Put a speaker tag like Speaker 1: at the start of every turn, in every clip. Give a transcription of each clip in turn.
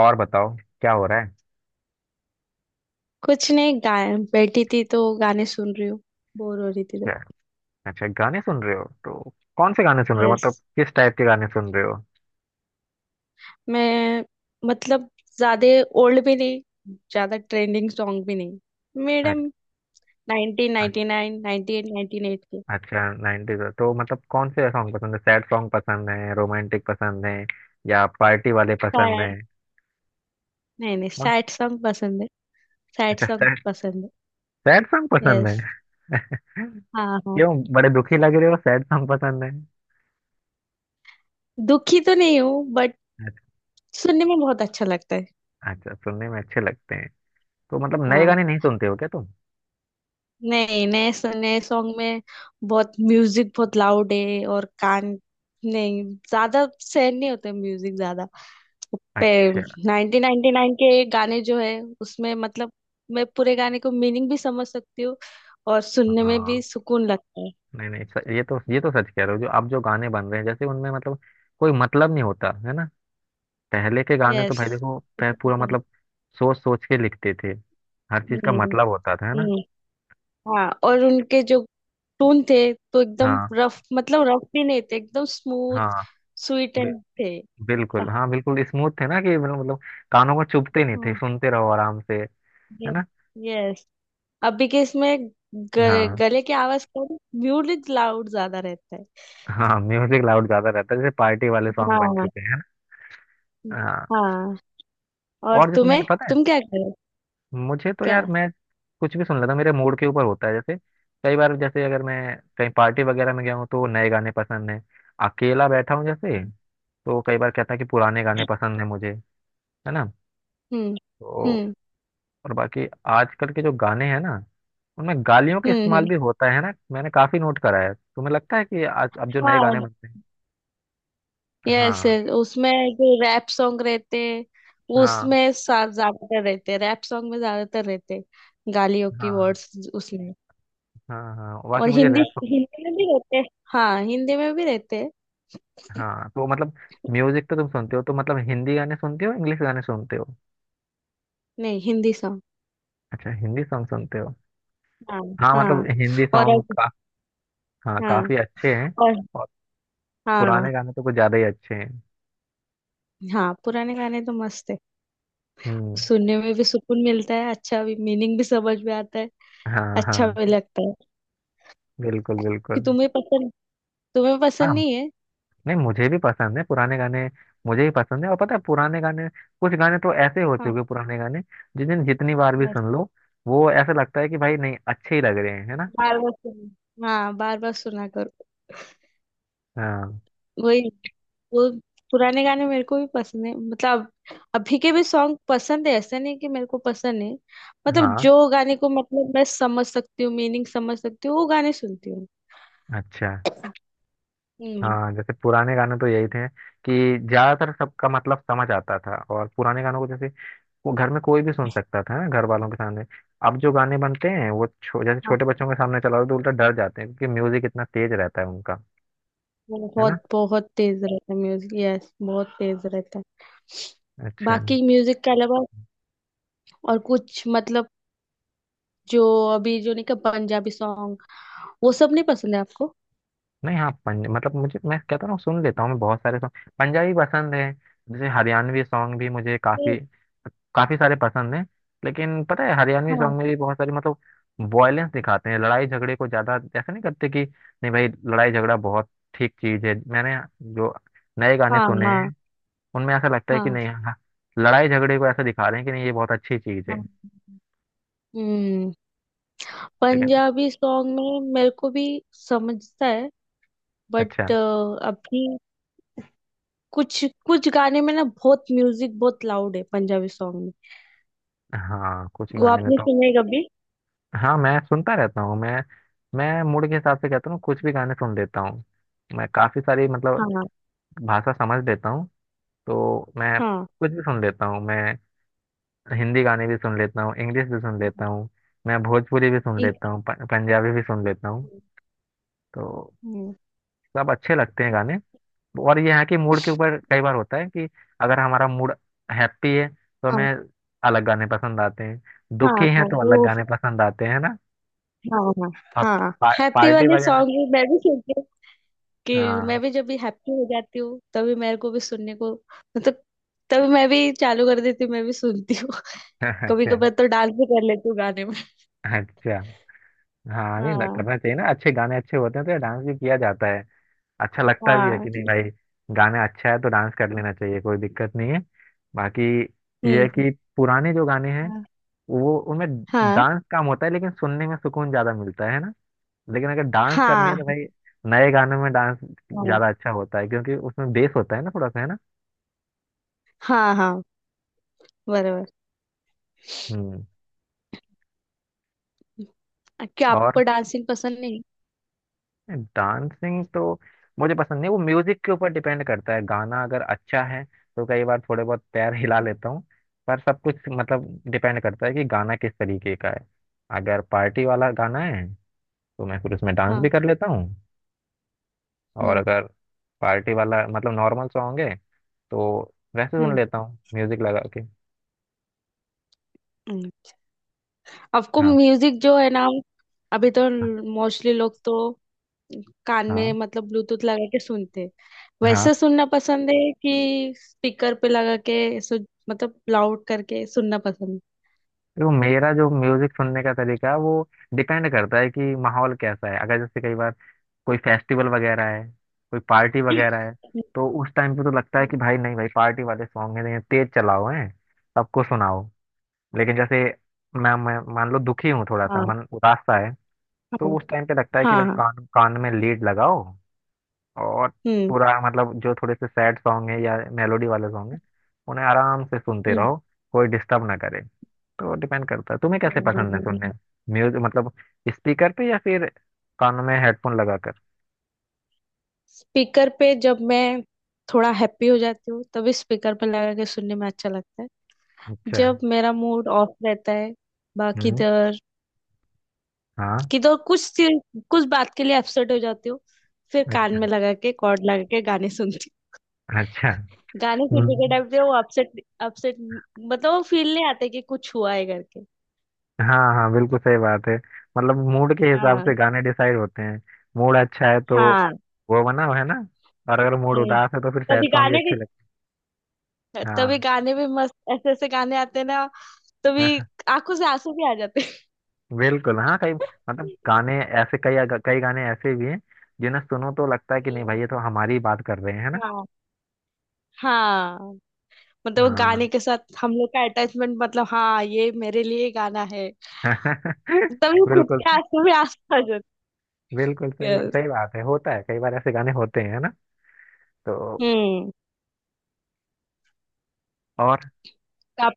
Speaker 1: और बताओ। क्या हो रहा है?
Speaker 2: कुछ नहीं। गाय बैठी थी तो गाने सुन रही हूँ। बोर हो रही थी
Speaker 1: क्या?
Speaker 2: तो।
Speaker 1: अच्छा, गाने सुन रहे हो तो कौन से गाने सुन रहे हो?
Speaker 2: यस।
Speaker 1: मतलब किस टाइप के गाने सुन रहे हो?
Speaker 2: मैं मतलब ज्यादा ओल्ड भी नहीं, ज्यादा ट्रेंडिंग सॉन्ग भी नहीं मैडम।
Speaker 1: अच्छा।
Speaker 2: 1999, 98, 98 के।
Speaker 1: अच्छा नाइनटीज। तो मतलब कौन से सॉन्ग पसंद है? सैड सॉन्ग पसंद है, रोमांटिक पसंद है, या पार्टी वाले पसंद है?
Speaker 2: सैड नहीं नहीं,
Speaker 1: कौन?
Speaker 2: सैड सॉन्ग पसंद है। सैड
Speaker 1: अच्छा
Speaker 2: सॉन्ग
Speaker 1: सैड।
Speaker 2: पसंद
Speaker 1: सैड सॉन्ग
Speaker 2: है।
Speaker 1: पसंद
Speaker 2: यस।
Speaker 1: है।
Speaker 2: हाँ हाँ।
Speaker 1: क्यों बड़े दुखी लग रहे हो? सैड सॉन्ग पसंद है।
Speaker 2: दुखी तो नहीं हूँ बट
Speaker 1: अच्छा।
Speaker 2: सुनने में बहुत अच्छा लगता है।
Speaker 1: अच्छा, सुनने में अच्छे लगते हैं। तो मतलब नए
Speaker 2: हाँ।
Speaker 1: गाने नहीं सुनते हो क्या तुम?
Speaker 2: नहीं, नए नए सॉन्ग में बहुत म्यूजिक, बहुत लाउड है और कान नहीं, ज्यादा सहन नहीं होते म्यूजिक ज्यादा।
Speaker 1: अच्छा।
Speaker 2: नाइनटीन नाइनटी नाइन के गाने जो है उसमें मतलब मैं पूरे गाने को मीनिंग भी समझ सकती हूँ, और सुनने में भी
Speaker 1: हाँ।
Speaker 2: सुकून लगता है।
Speaker 1: नहीं नहीं, ये तो सच कह रहे हो, जो अब जो गाने बन रहे हैं जैसे उनमें मतलब कोई मतलब नहीं होता है ना। पहले के गाने तो
Speaker 2: यस।
Speaker 1: भाई देखो, पूरा मतलब सोच सोच के लिखते थे। हर चीज का
Speaker 2: हम्म।
Speaker 1: मतलब होता था, है ना।
Speaker 2: हम्म। हाँ, और उनके जो टोन थे तो एकदम
Speaker 1: हाँ
Speaker 2: रफ, मतलब रफ भी नहीं थे, एकदम स्मूथ,
Speaker 1: हाँ।
Speaker 2: स्वीट
Speaker 1: बि,
Speaker 2: एंड थे।
Speaker 1: बिल्कुल। हाँ बिल्कुल स्मूथ थे ना, कि मतलब कानों को चुभते नहीं थे, सुनते रहो आराम से। है ना?
Speaker 2: यस। अभी के इसमें गले,
Speaker 1: हाँ।
Speaker 2: गले की आवाज कम, म्यूजिक लाउड ज्यादा रहता है।
Speaker 1: हाँ म्यूजिक लाउड ज्यादा रहता है, जैसे पार्टी वाले सॉन्ग बन
Speaker 2: हाँ।
Speaker 1: चुके हैं, है ना। हाँ
Speaker 2: हाँ। और
Speaker 1: और जिसमें
Speaker 2: तुम्हें
Speaker 1: मैंने पता है।
Speaker 2: तुम क्या करो?
Speaker 1: मुझे तो
Speaker 2: क्या?
Speaker 1: यार, मैं कुछ भी सुन लेता हूँ, मेरे मूड के ऊपर होता है। जैसे कई बार, जैसे अगर मैं कहीं पार्टी वगैरह में गया हूँ तो नए गाने पसंद है। अकेला बैठा हूँ जैसे, तो कई बार कहता है कि पुराने गाने पसंद है मुझे। है ना।
Speaker 2: हम्म।
Speaker 1: तो
Speaker 2: हम्म।
Speaker 1: और बाकी आजकल के जो गाने हैं ना, उनमें गालियों का
Speaker 2: हम्म।
Speaker 1: इस्तेमाल
Speaker 2: हम्म।
Speaker 1: भी होता है ना। मैंने काफी नोट करा है। तुम्हें लगता है कि आज अब जो नए
Speaker 2: हाँ।
Speaker 1: गाने बनते हैं?
Speaker 2: यस।
Speaker 1: हाँ
Speaker 2: यस। उसमें जो रैप सॉन्ग रहते हैं,
Speaker 1: हाँ।
Speaker 2: उसमें ज्यादातर रहते हैं, रैप सॉन्ग में ज्यादातर रहते हैं गालियों की
Speaker 1: हाँ
Speaker 2: वर्ड्स उसमें।
Speaker 1: हाँ। हाँ बाकी
Speaker 2: और
Speaker 1: मुझे
Speaker 2: हिंदी
Speaker 1: रैप।
Speaker 2: हिंदी में भी रहते हैं। हाँ, हिंदी में भी रहते हैं।
Speaker 1: हाँ तो मतलब म्यूजिक तो तुम सुनते हो, तो मतलब हिंदी गाने सुनते हो इंग्लिश गाने सुनते हो?
Speaker 2: नहीं, हिंदी सॉन्ग।
Speaker 1: अच्छा, हिंदी सॉन्ग सुनते हो।
Speaker 2: हाँ
Speaker 1: हाँ मतलब
Speaker 2: हाँ।
Speaker 1: हिंदी
Speaker 2: और
Speaker 1: सॉन्ग
Speaker 2: अग-
Speaker 1: का। हाँ
Speaker 2: हाँ।
Speaker 1: काफी अच्छे हैं।
Speaker 2: और।
Speaker 1: और
Speaker 2: हाँ
Speaker 1: पुराने गाने तो कुछ ज्यादा ही अच्छे हैं।
Speaker 2: हाँ। पुराने गाने तो मस्त है।
Speaker 1: हम्म।
Speaker 2: सुनने में भी सुकून मिलता है, अच्छा भी, मीनिंग भी समझ में आता है,
Speaker 1: हाँ
Speaker 2: अच्छा
Speaker 1: हाँ।
Speaker 2: भी लगता है।
Speaker 1: बिल्कुल
Speaker 2: कि
Speaker 1: बिल्कुल।
Speaker 2: तुम्हें
Speaker 1: हाँ
Speaker 2: पसंद नहीं है?
Speaker 1: नहीं, मुझे भी पसंद है पुराने गाने। मुझे भी पसंद है, और पता है पुराने गाने, कुछ गाने तो ऐसे हो
Speaker 2: हाँ।
Speaker 1: चुके हैं, पुराने गाने, जिन्हें जितनी बार भी
Speaker 2: यस।
Speaker 1: सुन लो वो ऐसा लगता है कि भाई नहीं अच्छे ही लग रहे हैं, है ना।
Speaker 2: बार बार सुन हाँ, बार बार सुना करो।
Speaker 1: हाँ
Speaker 2: वही वो पुराने गाने मेरे को भी पसंद है। मतलब अभी के भी सॉन्ग पसंद है, ऐसा नहीं कि मेरे को पसंद है। मतलब
Speaker 1: हाँ।
Speaker 2: जो गाने को मतलब मैं समझ सकती हूँ, मीनिंग समझ सकती हूँ, वो गाने सुनती हूँ।
Speaker 1: अच्छा।
Speaker 2: हम्म।
Speaker 1: हाँ जैसे पुराने गाने तो यही थे कि ज्यादातर सबका मतलब समझ आता था, और पुराने गानों को जैसे वो घर में कोई भी सुन सकता था ना, घर वालों के सामने। अब जो गाने बनते हैं वो जैसे
Speaker 2: हाँ,
Speaker 1: छोटे बच्चों के सामने चलाओ तो उल्टा डर जाते हैं, क्योंकि म्यूजिक इतना तेज रहता है उनका। है ना?
Speaker 2: बहुत बहुत तेज रहता है म्यूजिक, यस बहुत तेज रहता है।
Speaker 1: अच्छा।
Speaker 2: बाकी म्यूजिक के अलावा और कुछ, मतलब जो अभी जो नहीं का पंजाबी सॉन्ग, वो सब नहीं पसंद है आपको?
Speaker 1: नहीं हाँ पंज मतलब मुझे, मैं कहता हूँ सुन लेता हूँ, मैं बहुत सारे सॉन्ग पंजाबी पसंद है। जैसे हरियाणवी सॉन्ग भी मुझे
Speaker 2: नहीं।
Speaker 1: काफी काफी सारे पसंद हैं। लेकिन पता है हरियाणवी
Speaker 2: हाँ
Speaker 1: सॉन्ग में भी बहुत सारी मतलब वॉयलेंस दिखाते हैं, लड़ाई झगड़े को ज्यादा, ऐसा नहीं करते कि नहीं भाई लड़ाई झगड़ा बहुत ठीक चीज है। मैंने जो नए गाने
Speaker 2: हाँ
Speaker 1: सुने
Speaker 2: हाँ
Speaker 1: हैं उनमें ऐसा लगता है कि
Speaker 2: हाँ
Speaker 1: नहीं हाँ लड़ाई झगड़े को ऐसा दिखा रहे हैं कि नहीं ये बहुत अच्छी चीज है।
Speaker 2: हाँ। हम्म।
Speaker 1: लेकिन
Speaker 2: पंजाबी सॉन्ग में मेरे को भी समझता है,
Speaker 1: अच्छा।
Speaker 2: बट अभी कुछ कुछ गाने में ना बहुत म्यूजिक, बहुत लाउड है पंजाबी सॉन्ग में।
Speaker 1: हाँ कुछ
Speaker 2: वो
Speaker 1: गाने में
Speaker 2: आपने
Speaker 1: तो।
Speaker 2: सुने कभी?
Speaker 1: हाँ मैं सुनता रहता हूँ मैं। मैं मूड के हिसाब से कहता हूँ, कुछ भी गाने सुन लेता हूँ। मैं काफी सारी मतलब
Speaker 2: हाँ
Speaker 1: भाषा समझ लेता हूँ, तो मैं
Speaker 2: हाँ
Speaker 1: कुछ भी सुन लेता हूँ मैं। हिंदी गाने भी सुन लेता हूँ, इंग्लिश भी सुन
Speaker 2: हाँ।
Speaker 1: लेता हूँ, मैं भोजपुरी भी सुन लेता
Speaker 2: इंग्लिश-
Speaker 1: हूँ, पंजाबी भी सुन लेता हूँ। तो
Speaker 2: हम्म।
Speaker 1: सब अच्छे लगते हैं गाने। और ये है कि मूड के ऊपर कई बार होता है कि अगर हमारा मूड हैप्पी है तो
Speaker 2: हाँ
Speaker 1: हमें अलग गाने पसंद आते हैं,
Speaker 2: हाँ
Speaker 1: दुखी है
Speaker 2: हाँ,
Speaker 1: तो
Speaker 2: वो,
Speaker 1: अलग गाने पसंद आते हैं ना।
Speaker 2: हाँ
Speaker 1: अब
Speaker 2: हाँ। हैप्पी
Speaker 1: पार्टी
Speaker 2: वाले
Speaker 1: वगैरह।
Speaker 2: सॉन्ग भी मैं भी सुनती हूँ कि मैं
Speaker 1: हाँ।
Speaker 2: भी जब भी हैप्पी हो जाती हूँ तभी मेरे को भी सुनने को, मतलब तभी मैं भी चालू कर देती हूँ, मैं भी सुनती हूँ। कभी
Speaker 1: अच्छा।
Speaker 2: कभार तो डांस भी कर लेती हूँ गाने में।
Speaker 1: अच्छा हाँ नहीं
Speaker 2: हाँ
Speaker 1: करना चाहिए ना, अच्छे गाने अच्छे होते हैं तो डांस भी किया जाता है। अच्छा लगता भी है कि
Speaker 2: हाँ।
Speaker 1: नहीं भाई गाना अच्छा है तो डांस कर लेना चाहिए, कोई दिक्कत नहीं है। बाकी ये है
Speaker 2: हम्म।
Speaker 1: कि पुराने जो गाने हैं
Speaker 2: हाँ
Speaker 1: वो उनमें
Speaker 2: हाँ
Speaker 1: डांस कम होता है, लेकिन सुनने में सुकून ज्यादा मिलता है ना। लेकिन अगर डांस करनी है
Speaker 2: हाँ
Speaker 1: तो भाई नए गानों में डांस ज्यादा अच्छा होता है, क्योंकि उसमें बेस होता है ना थोड़ा सा, है ना।
Speaker 2: हाँ हाँ। बराबर।
Speaker 1: हम्म।
Speaker 2: क्या
Speaker 1: और
Speaker 2: आपको डांसिंग पसंद नहीं?
Speaker 1: डांसिंग तो मुझे पसंद नहीं, वो म्यूजिक के ऊपर डिपेंड करता है। गाना अगर अच्छा है तो कई बार थोड़े बहुत पैर हिला लेता हूँ। पर सब कुछ मतलब डिपेंड करता है कि गाना किस तरीके का है। अगर पार्टी वाला गाना है तो मैं फिर उसमें डांस भी
Speaker 2: हाँ।
Speaker 1: कर लेता हूँ। और
Speaker 2: हम्म।
Speaker 1: अगर पार्टी वाला मतलब नॉर्मल सॉन्ग है तो वैसे सुन
Speaker 2: हम्म।
Speaker 1: लेता हूँ म्यूजिक लगा के।
Speaker 2: हम्म। आपको
Speaker 1: हाँ
Speaker 2: म्यूजिक जो है ना, अभी तो
Speaker 1: हाँ।
Speaker 2: मोस्टली लोग तो कान में
Speaker 1: हाँ
Speaker 2: मतलब ब्लूटूथ लगा के सुनते हैं। वैसे
Speaker 1: हाँ।
Speaker 2: सुनना पसंद है कि स्पीकर पे लगा के मतलब लाउड करके सुनना पसंद
Speaker 1: देखो मेरा जो म्यूजिक सुनने का तरीका है, वो डिपेंड करता है कि माहौल कैसा है। अगर जैसे कई बार कोई फेस्टिवल वगैरह है, कोई पार्टी वगैरह है,
Speaker 2: है?
Speaker 1: तो उस टाइम पे तो लगता है कि भाई नहीं भाई पार्टी वाले सॉन्ग हैं ये तेज चलाओ हैं, सबको सुनाओ। लेकिन जैसे मैं मान लो दुखी हूँ थोड़ा सा,
Speaker 2: हाँ
Speaker 1: मन उदासा है,
Speaker 2: हाँ
Speaker 1: तो उस टाइम पे लगता है कि
Speaker 2: हाँ
Speaker 1: भाई
Speaker 2: हाँ।
Speaker 1: कान कान में लीड लगाओ, और
Speaker 2: हम्म
Speaker 1: पूरा मतलब जो थोड़े से सैड सॉन्ग है या मेलोडी वाले सॉन्ग है उन्हें आराम से सुनते
Speaker 2: हम्म
Speaker 1: रहो, कोई डिस्टर्ब ना करे। तो डिपेंड करता है तुम्हें कैसे पसंद है सुनने
Speaker 2: हम्म।
Speaker 1: म्यूजिक, मतलब स्पीकर पे या फिर कानों में हेडफोन लगाकर।
Speaker 2: स्पीकर पे जब मैं थोड़ा हैप्पी हो जाती हूँ तभी स्पीकर पे लगा के सुनने में अच्छा लगता है।
Speaker 1: अच्छा।
Speaker 2: जब मेरा मूड ऑफ रहता है, बाकी
Speaker 1: हम्म।
Speaker 2: किधर
Speaker 1: हाँ।
Speaker 2: किधर कुछ कुछ बात के लिए अपसेट हो जाती हूँ, फिर कान
Speaker 1: अच्छा।
Speaker 2: में लगा के कॉर्ड लगा के गाने सुनती हूँ।
Speaker 1: अच्छा।
Speaker 2: गाने
Speaker 1: हम्म।
Speaker 2: सुनने के टाइम पे वो अपसेट अपसेट, मतलब वो फील नहीं आता कि कुछ हुआ है करके।
Speaker 1: हाँ हाँ बिल्कुल सही बात है, मतलब मूड के हिसाब
Speaker 2: हाँ
Speaker 1: से गाने डिसाइड होते हैं। मूड अच्छा है तो
Speaker 2: हाँ।
Speaker 1: वो बना हुआ है ना, और अगर मूड
Speaker 2: हम्म।
Speaker 1: उदास है तो फिर सैड
Speaker 2: कभी
Speaker 1: सॉन्ग ही
Speaker 2: गाने
Speaker 1: अच्छे
Speaker 2: भी
Speaker 1: लगते हैं,
Speaker 2: तभी
Speaker 1: हाँ।
Speaker 2: गाने भी मस्त, ऐसे ऐसे गाने आते हैं ना, तभी आंखों से आंसू भी आ जाते हैं।
Speaker 1: बिल्कुल। हाँ कई मतलब गाने ऐसे, कई कई गाने ऐसे भी हैं जिन्हें सुनो तो लगता है कि नहीं भाई
Speaker 2: हम्म,
Speaker 1: ये तो हमारी ही बात कर रहे हैं, है ना।
Speaker 2: हाँ हाँ। मतलब वो
Speaker 1: हाँ।
Speaker 2: गाने के साथ हम लोग का अटैचमेंट, मतलब हाँ ये मेरे लिए गाना है, तभी खुद
Speaker 1: बिल्कुल
Speaker 2: के आंसू भी आंसू आ जाते हैं।
Speaker 1: बिल्कुल।
Speaker 2: Yes.
Speaker 1: सही बात है, होता है कई बार ऐसे गाने होते हैं ना। तो
Speaker 2: हम्म।
Speaker 1: और
Speaker 2: आप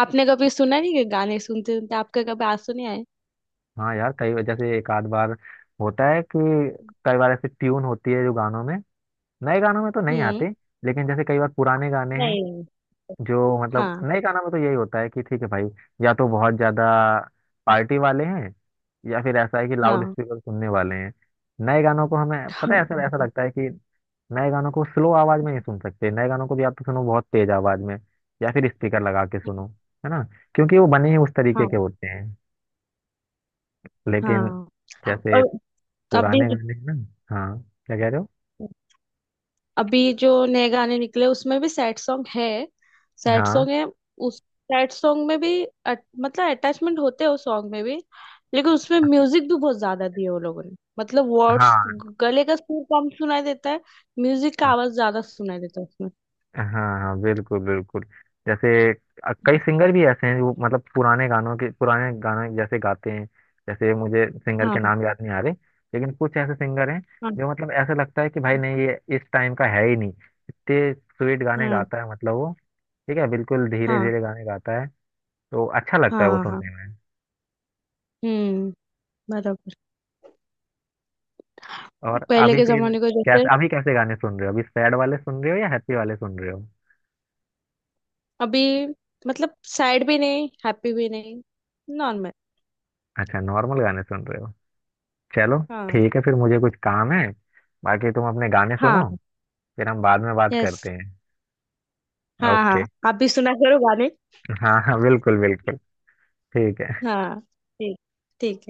Speaker 2: आपने कभी सुना नहीं कि गाने सुनते सुनते आपके कभी आंसू नहीं आए?
Speaker 1: हाँ यार, कई जैसे एक आध बार होता है कि कई बार ऐसे ट्यून होती है जो गानों में, नए गानों में तो नहीं
Speaker 2: हम्म।
Speaker 1: आते। लेकिन जैसे कई बार पुराने गाने हैं
Speaker 2: नहीं।
Speaker 1: जो मतलब,
Speaker 2: हाँ
Speaker 1: नए गानों में तो यही होता है कि ठीक है भाई, या तो बहुत ज्यादा पार्टी वाले हैं, या फिर ऐसा है कि लाउड
Speaker 2: हाँ
Speaker 1: स्पीकर सुनने वाले हैं। नए गानों को हमें पता
Speaker 2: हाँ
Speaker 1: है, ऐसा ऐसा लगता है कि नए गानों को स्लो आवाज में नहीं सुन सकते, नए गानों को भी आप तो सुनो बहुत तेज आवाज में, या फिर स्पीकर लगा के सुनो, है ना, क्योंकि वो बने ही उस तरीके
Speaker 2: हाँ
Speaker 1: के होते हैं। लेकिन
Speaker 2: हाँ।
Speaker 1: जैसे
Speaker 2: और अभी
Speaker 1: पुराने गाने हैं ना, हाँ। क्या कह रहे हो?
Speaker 2: अभी जो नए गाने निकले उसमें भी सैड सॉन्ग है। सैड
Speaker 1: हाँ
Speaker 2: सॉन्ग है। उस सैड सॉन्ग में भी मतलब अटैचमेंट होते हैं उस सॉन्ग में भी। लेकिन उसमें म्यूजिक भी बहुत ज्यादा दिए वो लोगों ने, मतलब वर्ड्स,
Speaker 1: हाँ।
Speaker 2: गले का सुर कम सुनाई देता है, म्यूजिक का आवाज ज्यादा सुनाई देता है उसमें।
Speaker 1: हाँ हाँ बिल्कुल बिल्कुल। जैसे कई
Speaker 2: हम्म,
Speaker 1: सिंगर भी ऐसे हैं जो मतलब पुराने गानों के पुराने गाने जैसे गाते हैं। जैसे मुझे सिंगर के
Speaker 2: हाँ
Speaker 1: नाम याद नहीं आ रहे, लेकिन कुछ ऐसे सिंगर हैं
Speaker 2: हाँ
Speaker 1: जो मतलब ऐसा लगता है कि भाई नहीं ये इस टाइम का है ही नहीं, इतने स्वीट गाने
Speaker 2: हाँ
Speaker 1: गाता है मतलब वो। ठीक है बिल्कुल धीरे
Speaker 2: हाँ
Speaker 1: धीरे गाने गाता है, तो अच्छा लगता है वो
Speaker 2: हाँ हाँ।
Speaker 1: सुनने में।
Speaker 2: हम्म। बराबर।
Speaker 1: और
Speaker 2: पहले
Speaker 1: अभी
Speaker 2: के
Speaker 1: फिर
Speaker 2: जमाने को जैसे,
Speaker 1: कैसे, अभी कैसे गाने सुन रहे हो? अभी सैड वाले सुन रहे हो या हैप्पी वाले सुन रहे हो?
Speaker 2: अभी मतलब सैड भी नहीं, हैप्पी भी नहीं, नॉर्मल।
Speaker 1: अच्छा नॉर्मल गाने सुन रहे हो। चलो
Speaker 2: हाँ
Speaker 1: ठीक है फिर, मुझे कुछ काम है, बाकी तुम अपने गाने
Speaker 2: हाँ।
Speaker 1: सुनो। फिर हम बाद में बात
Speaker 2: यस।
Speaker 1: करते हैं।
Speaker 2: हाँ
Speaker 1: ओके।
Speaker 2: हाँ, आप भी सुना करो गाने।
Speaker 1: हाँ हाँ बिल्कुल बिल्कुल। ठीक है।
Speaker 2: हाँ। ठीक, ठीक है।